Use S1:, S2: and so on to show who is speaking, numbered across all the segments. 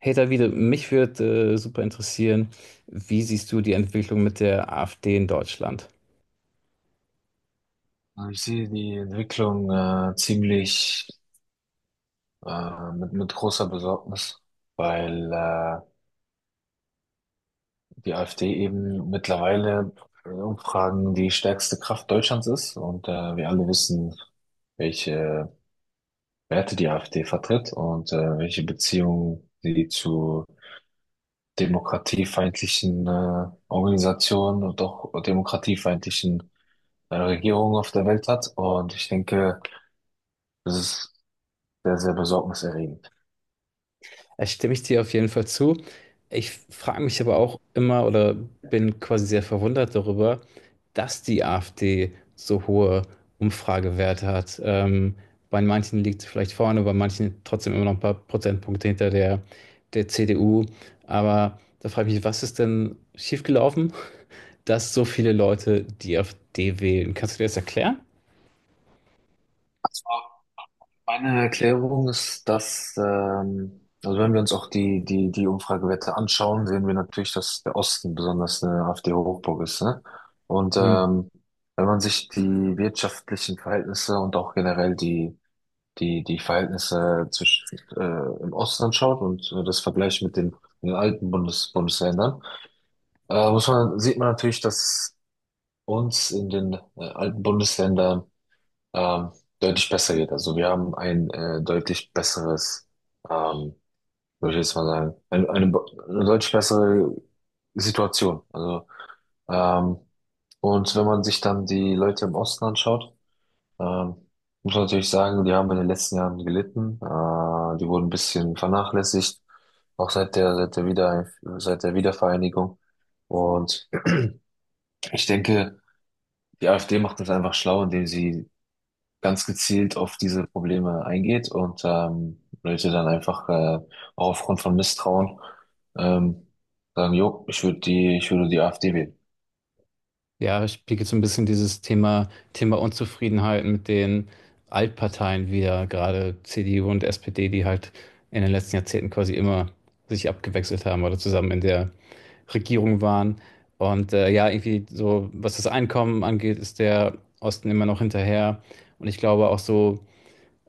S1: Hey Davide, mich würde super interessieren, wie siehst du die Entwicklung mit der AfD in Deutschland?
S2: Also ich sehe die Entwicklung ziemlich mit großer Besorgnis, weil die AfD eben mittlerweile in Umfragen die stärkste Kraft Deutschlands ist und wir alle wissen, welche Werte die AfD vertritt und welche Beziehungen sie zu demokratiefeindlichen Organisationen und auch demokratiefeindlichen Regierungen auf der Welt hat. Und ich denke, das ist sehr, sehr besorgniserregend.
S1: Da stimme ich dir auf jeden Fall zu. Ich frage mich aber auch immer oder bin quasi sehr verwundert darüber, dass die AfD so hohe Umfragewerte hat. Bei manchen liegt sie vielleicht vorne, bei manchen trotzdem immer noch ein paar Prozentpunkte hinter der CDU. Aber da frage ich mich, was ist denn schiefgelaufen, dass so viele Leute die AfD wählen? Kannst du dir das erklären?
S2: Meine Erklärung ist, dass, also wenn wir uns auch die Umfragewerte anschauen, sehen wir natürlich, dass der Osten besonders eine AfD-Hochburg ist, ne? Und
S1: Mhm.
S2: wenn man sich die wirtschaftlichen Verhältnisse und auch generell die Verhältnisse zwischen, im Osten anschaut und das vergleicht mit den alten Bundesländern, sieht man natürlich, dass uns in den alten Bundesländern ähm, deutlich besser geht. Also wir haben ein deutlich besseres, ähm, würde ich jetzt mal sagen, eine deutlich bessere Situation. Ähm, und wenn man sich dann die Leute im Osten anschaut, ähm, muss man natürlich sagen, die haben in den letzten Jahren gelitten. Die wurden ein bisschen vernachlässigt, auch seit der Wiedervereinigung. Und ich denke, die AfD macht das einfach schlau, indem sie ganz gezielt auf diese Probleme eingeht und Leute dann einfach auch aufgrund von Misstrauen ähm, sagen, jo, ich würde die AfD wählen.
S1: Ja, spiegelt so ein bisschen dieses Thema Unzufriedenheit mit den Altparteien wieder, gerade CDU und SPD, die halt in den letzten Jahrzehnten quasi immer sich abgewechselt haben oder zusammen in der Regierung waren. Und ja, irgendwie so, was das Einkommen angeht, ist der Osten immer noch hinterher. Und ich glaube auch so,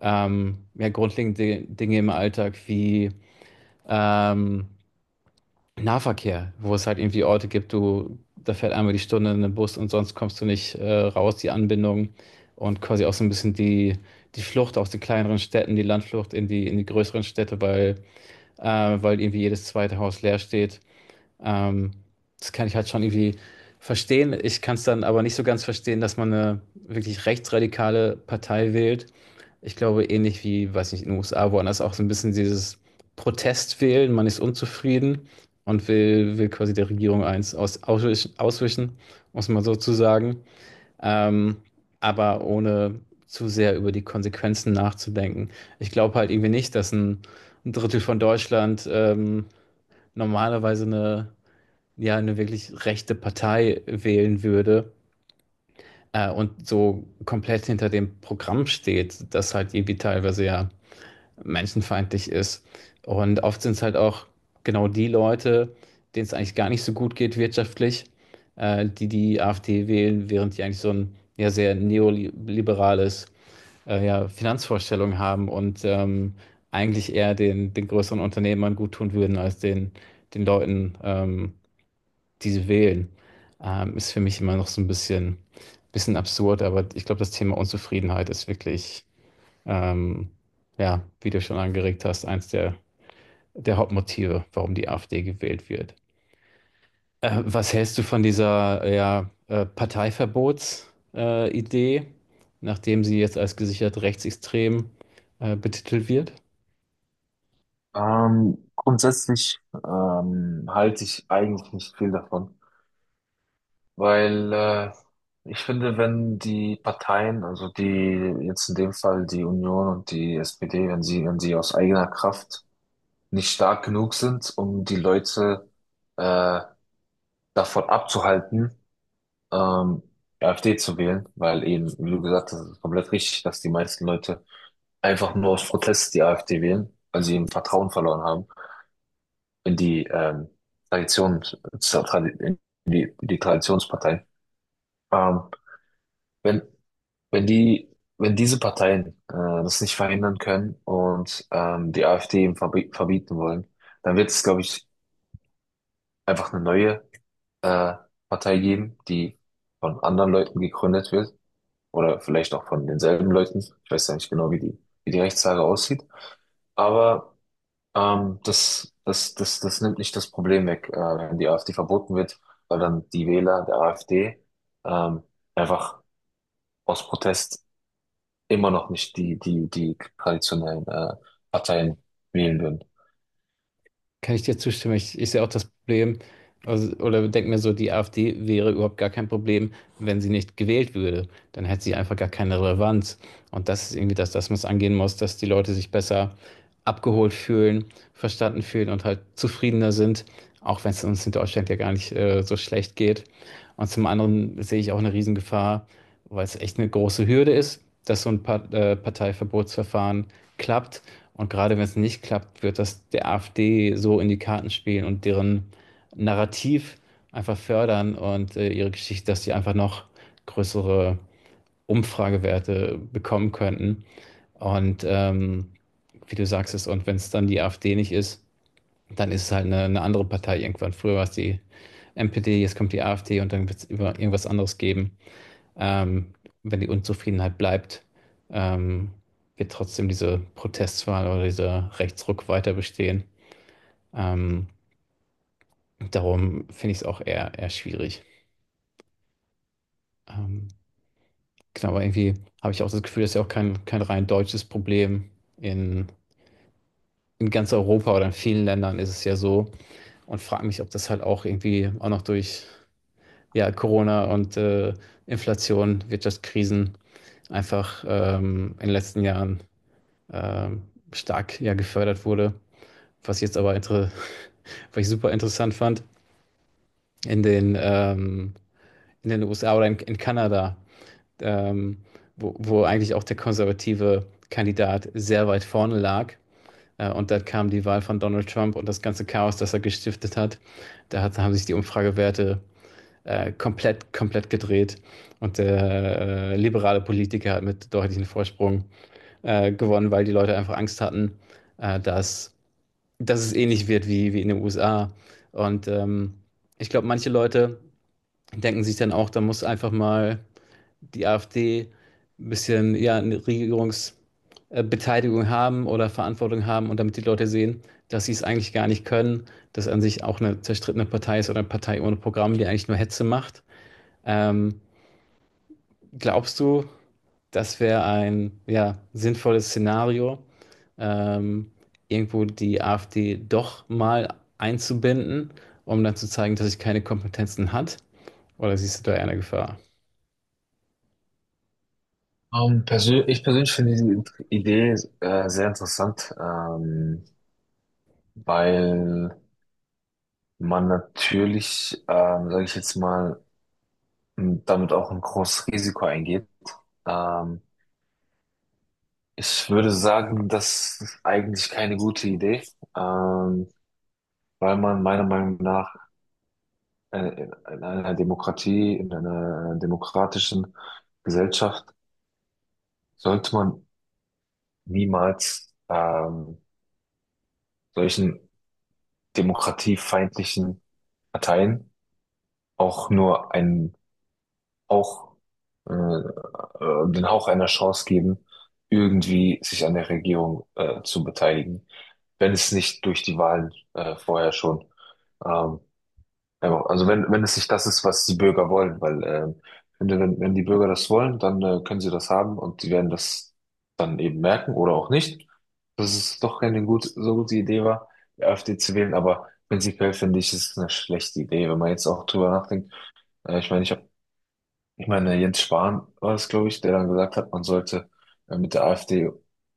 S1: ja, grundlegende Dinge im Alltag wie ähm, Nahverkehr, wo es halt irgendwie Orte gibt, du, da fährt einmal die Stunde ein Bus und sonst kommst du nicht raus, die Anbindung und quasi auch so ein bisschen die Flucht aus den kleineren Städten, die Landflucht in die größeren Städte, weil, äh, weil irgendwie jedes zweite Haus leer steht, ähm, das kann ich halt schon irgendwie verstehen. Ich kann es dann aber nicht so ganz verstehen, dass man eine wirklich rechtsradikale Partei wählt. Ich glaube, ähnlich wie, weiß nicht, in den USA, woanders auch so ein bisschen dieses Protest wählen. Man ist unzufrieden und will quasi der Regierung eins auswischen, um es mal so zu sagen. Ähm, aber ohne zu sehr über die Konsequenzen nachzudenken. Ich glaube halt irgendwie nicht, dass ein Drittel von Deutschland normalerweise eine ja eine wirklich rechte Partei wählen würde und so komplett hinter dem Programm steht, das halt irgendwie teilweise ja menschenfeindlich ist. Und oft sind es halt auch genau die Leute, denen es eigentlich gar nicht so gut geht wirtschaftlich, die AfD wählen, während die eigentlich so ein ja sehr neoliberales ja, Finanzvorstellung haben und eigentlich eher den größeren Unternehmern gut tun würden als den Leuten, die sie wählen, ist für mich immer noch so ein bisschen absurd, aber ich glaube, das Thema Unzufriedenheit ist wirklich, ähm, ja, wie du schon angeregt hast, eins der Hauptmotive, warum die AfD gewählt wird. Was hältst du von dieser, ja, Parteiverbots, Idee, nachdem sie jetzt als gesichert rechtsextrem, betitelt wird?
S2: Grundsätzlich halte ich eigentlich nicht viel davon, weil ich finde, wenn die Parteien, also die jetzt in dem Fall die Union und die SPD, wenn sie aus eigener Kraft nicht stark genug sind, um die Leute äh, davon abzuhalten, ähm, AfD zu wählen, weil eben, wie du gesagt hast, ist komplett richtig, dass die meisten Leute einfach nur aus Protest die AfD wählen, weil sie eben Vertrauen verloren haben in die Tradition, in die Traditionspartei. Ähm, wenn, wenn die, Wenn diese Parteien das nicht verhindern können und die AfD eben verbieten wollen, dann wird es, glaube ich, einfach eine neue äh, Partei geben, die von anderen Leuten gegründet wird oder vielleicht auch von denselben Leuten. Ich weiß ja nicht genau, wie die Rechtslage aussieht. Aber das nimmt nicht das Problem weg, wenn die AfD verboten wird, weil dann die Wähler der AfD ähm, einfach aus Protest immer noch nicht die traditionellen Parteien wählen würden.
S1: Kann ich dir zustimmen? Ich sehe auch das Problem, also, oder denke mir so, die AfD wäre überhaupt gar kein Problem, wenn sie nicht gewählt würde. Dann hätte sie einfach gar keine Relevanz. Und das ist irgendwie das, das man es angehen muss, dass die Leute sich besser abgeholt fühlen, verstanden fühlen und halt zufriedener sind, auch wenn es uns in Deutschland ja gar nicht so schlecht geht. Und zum anderen sehe ich auch eine Riesengefahr, weil es echt eine große Hürde ist, dass so ein Parteiverbotsverfahren klappt und gerade wenn es nicht klappt, wird das der AfD so in die Karten spielen und deren Narrativ einfach fördern und ihre Geschichte, dass sie einfach noch größere Umfragewerte bekommen könnten. Und wie du sagst es, und wenn es dann die AfD nicht ist, dann ist es halt eine andere Partei irgendwann. Früher war es die NPD, jetzt kommt die AfD und dann wird es irgendwas anderes geben, ähm, wenn die Unzufriedenheit bleibt, ähm, wird trotzdem diese Protestwahl oder dieser Rechtsruck weiter bestehen. Ähm, Darum finde ich es auch eher schwierig. Ähm, genau, aber irgendwie habe ich auch das Gefühl, das ist ja auch kein rein deutsches Problem. In, in ganz Europa oder in vielen Ländern ist es ja so. Und frage mich, ob das halt auch irgendwie auch noch durch ja, Corona und Inflation, Wirtschaftskrisen einfach in den letzten Jahren ähm, stark ja, gefördert wurde. Was jetzt aber inter Was ich super interessant fand, in den, in den, USA oder in Kanada, ähm, wo eigentlich auch der konservative Kandidat sehr weit vorne lag. Und dann kam die Wahl von Donald Trump und das ganze Chaos, das er gestiftet hat. Haben sich die Umfragewerte komplett gedreht. Und der liberale Politiker hat mit deutlichem Vorsprung gewonnen, weil die Leute einfach Angst hatten, äh, dass dass es ähnlich wird wie in den USA. Und ich glaube, manche Leute denken sich dann auch, da muss einfach mal die AfD ein bisschen ja, eine Regierungsbeteiligung haben oder Verantwortung haben und damit die Leute sehen, dass sie es eigentlich gar nicht können, dass an sich auch eine zerstrittene Partei ist oder eine Partei ohne Programm, die eigentlich nur Hetze macht. Ähm, Glaubst du, das wäre ein ja, sinnvolles Szenario, ähm, irgendwo die AfD doch mal einzubinden, um dann zu zeigen, dass sie keine Kompetenzen hat. Oder siehst du da eher eine Gefahr?
S2: Persö Ich persönlich finde die Idee sehr interessant, weil man natürlich, sage ich jetzt mal, und damit auch ein großes Risiko eingeht. Ähm, Ich würde sagen, das ist eigentlich keine gute Idee, ähm, weil man meiner Meinung nach äh, in einer Demokratie, in einer demokratischen Gesellschaft sollte man niemals solchen demokratiefeindlichen Parteien auch nur einen auch den Hauch einer Chance geben, irgendwie sich an der Regierung zu beteiligen, wenn es nicht durch die Wahlen vorher schon, ähm, wenn, wenn es nicht das ist, was die Bürger wollen, weil wenn die Bürger das wollen, dann können sie das haben und sie werden das dann eben merken oder auch nicht, dass es doch keine gut, so gute Idee war, die AfD zu wählen, aber prinzipiell finde ich, es ist eine schlechte Idee, wenn man jetzt auch drüber nachdenkt. Äh, ich meine, ich habe Ich meine, Jens Spahn war es, glaube ich, der dann gesagt hat, man sollte mit der AfD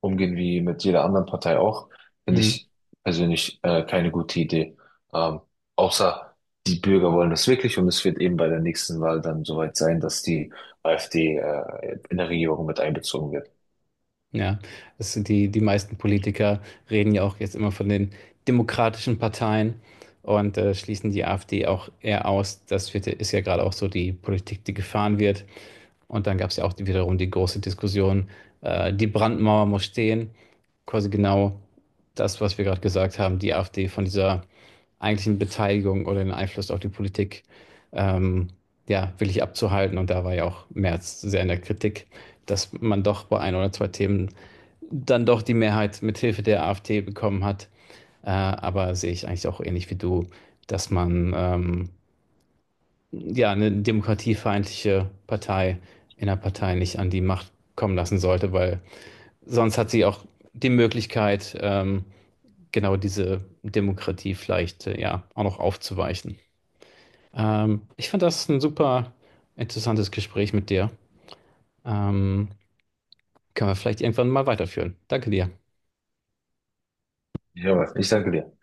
S2: umgehen wie mit jeder anderen Partei auch, finde
S1: Hm.
S2: ich persönlich keine gute Idee. Ähm, Außer die Bürger wollen das wirklich und es wird eben bei der nächsten Wahl dann soweit sein, dass die AfD in der Regierung mit einbezogen wird.
S1: Ja, das sind die meisten Politiker reden ja auch jetzt immer von den demokratischen Parteien und schließen die AfD auch eher aus. Das wird, ist ja gerade auch so die Politik, die gefahren wird. Und dann gab es ja auch wiederum die große Diskussion, die Brandmauer muss stehen. Quasi genau das, was wir gerade gesagt haben, die AfD von dieser eigentlichen Beteiligung oder den Einfluss auf die Politik ähm, ja, wirklich abzuhalten. Und da war ja auch Merz sehr in der Kritik, dass man doch bei ein oder zwei Themen dann doch die Mehrheit mit Hilfe der AfD bekommen hat. Aber sehe ich eigentlich auch ähnlich wie du, dass man ja, eine demokratiefeindliche Partei in der Partei nicht an die Macht kommen lassen sollte, weil sonst hat sie auch die Möglichkeit, genau diese Demokratie vielleicht ja auch noch aufzuweichen. Ich fand das ein super interessantes Gespräch mit dir. Ähm, Können wir vielleicht irgendwann mal weiterführen. Danke dir.
S2: Ja, ich danke dir.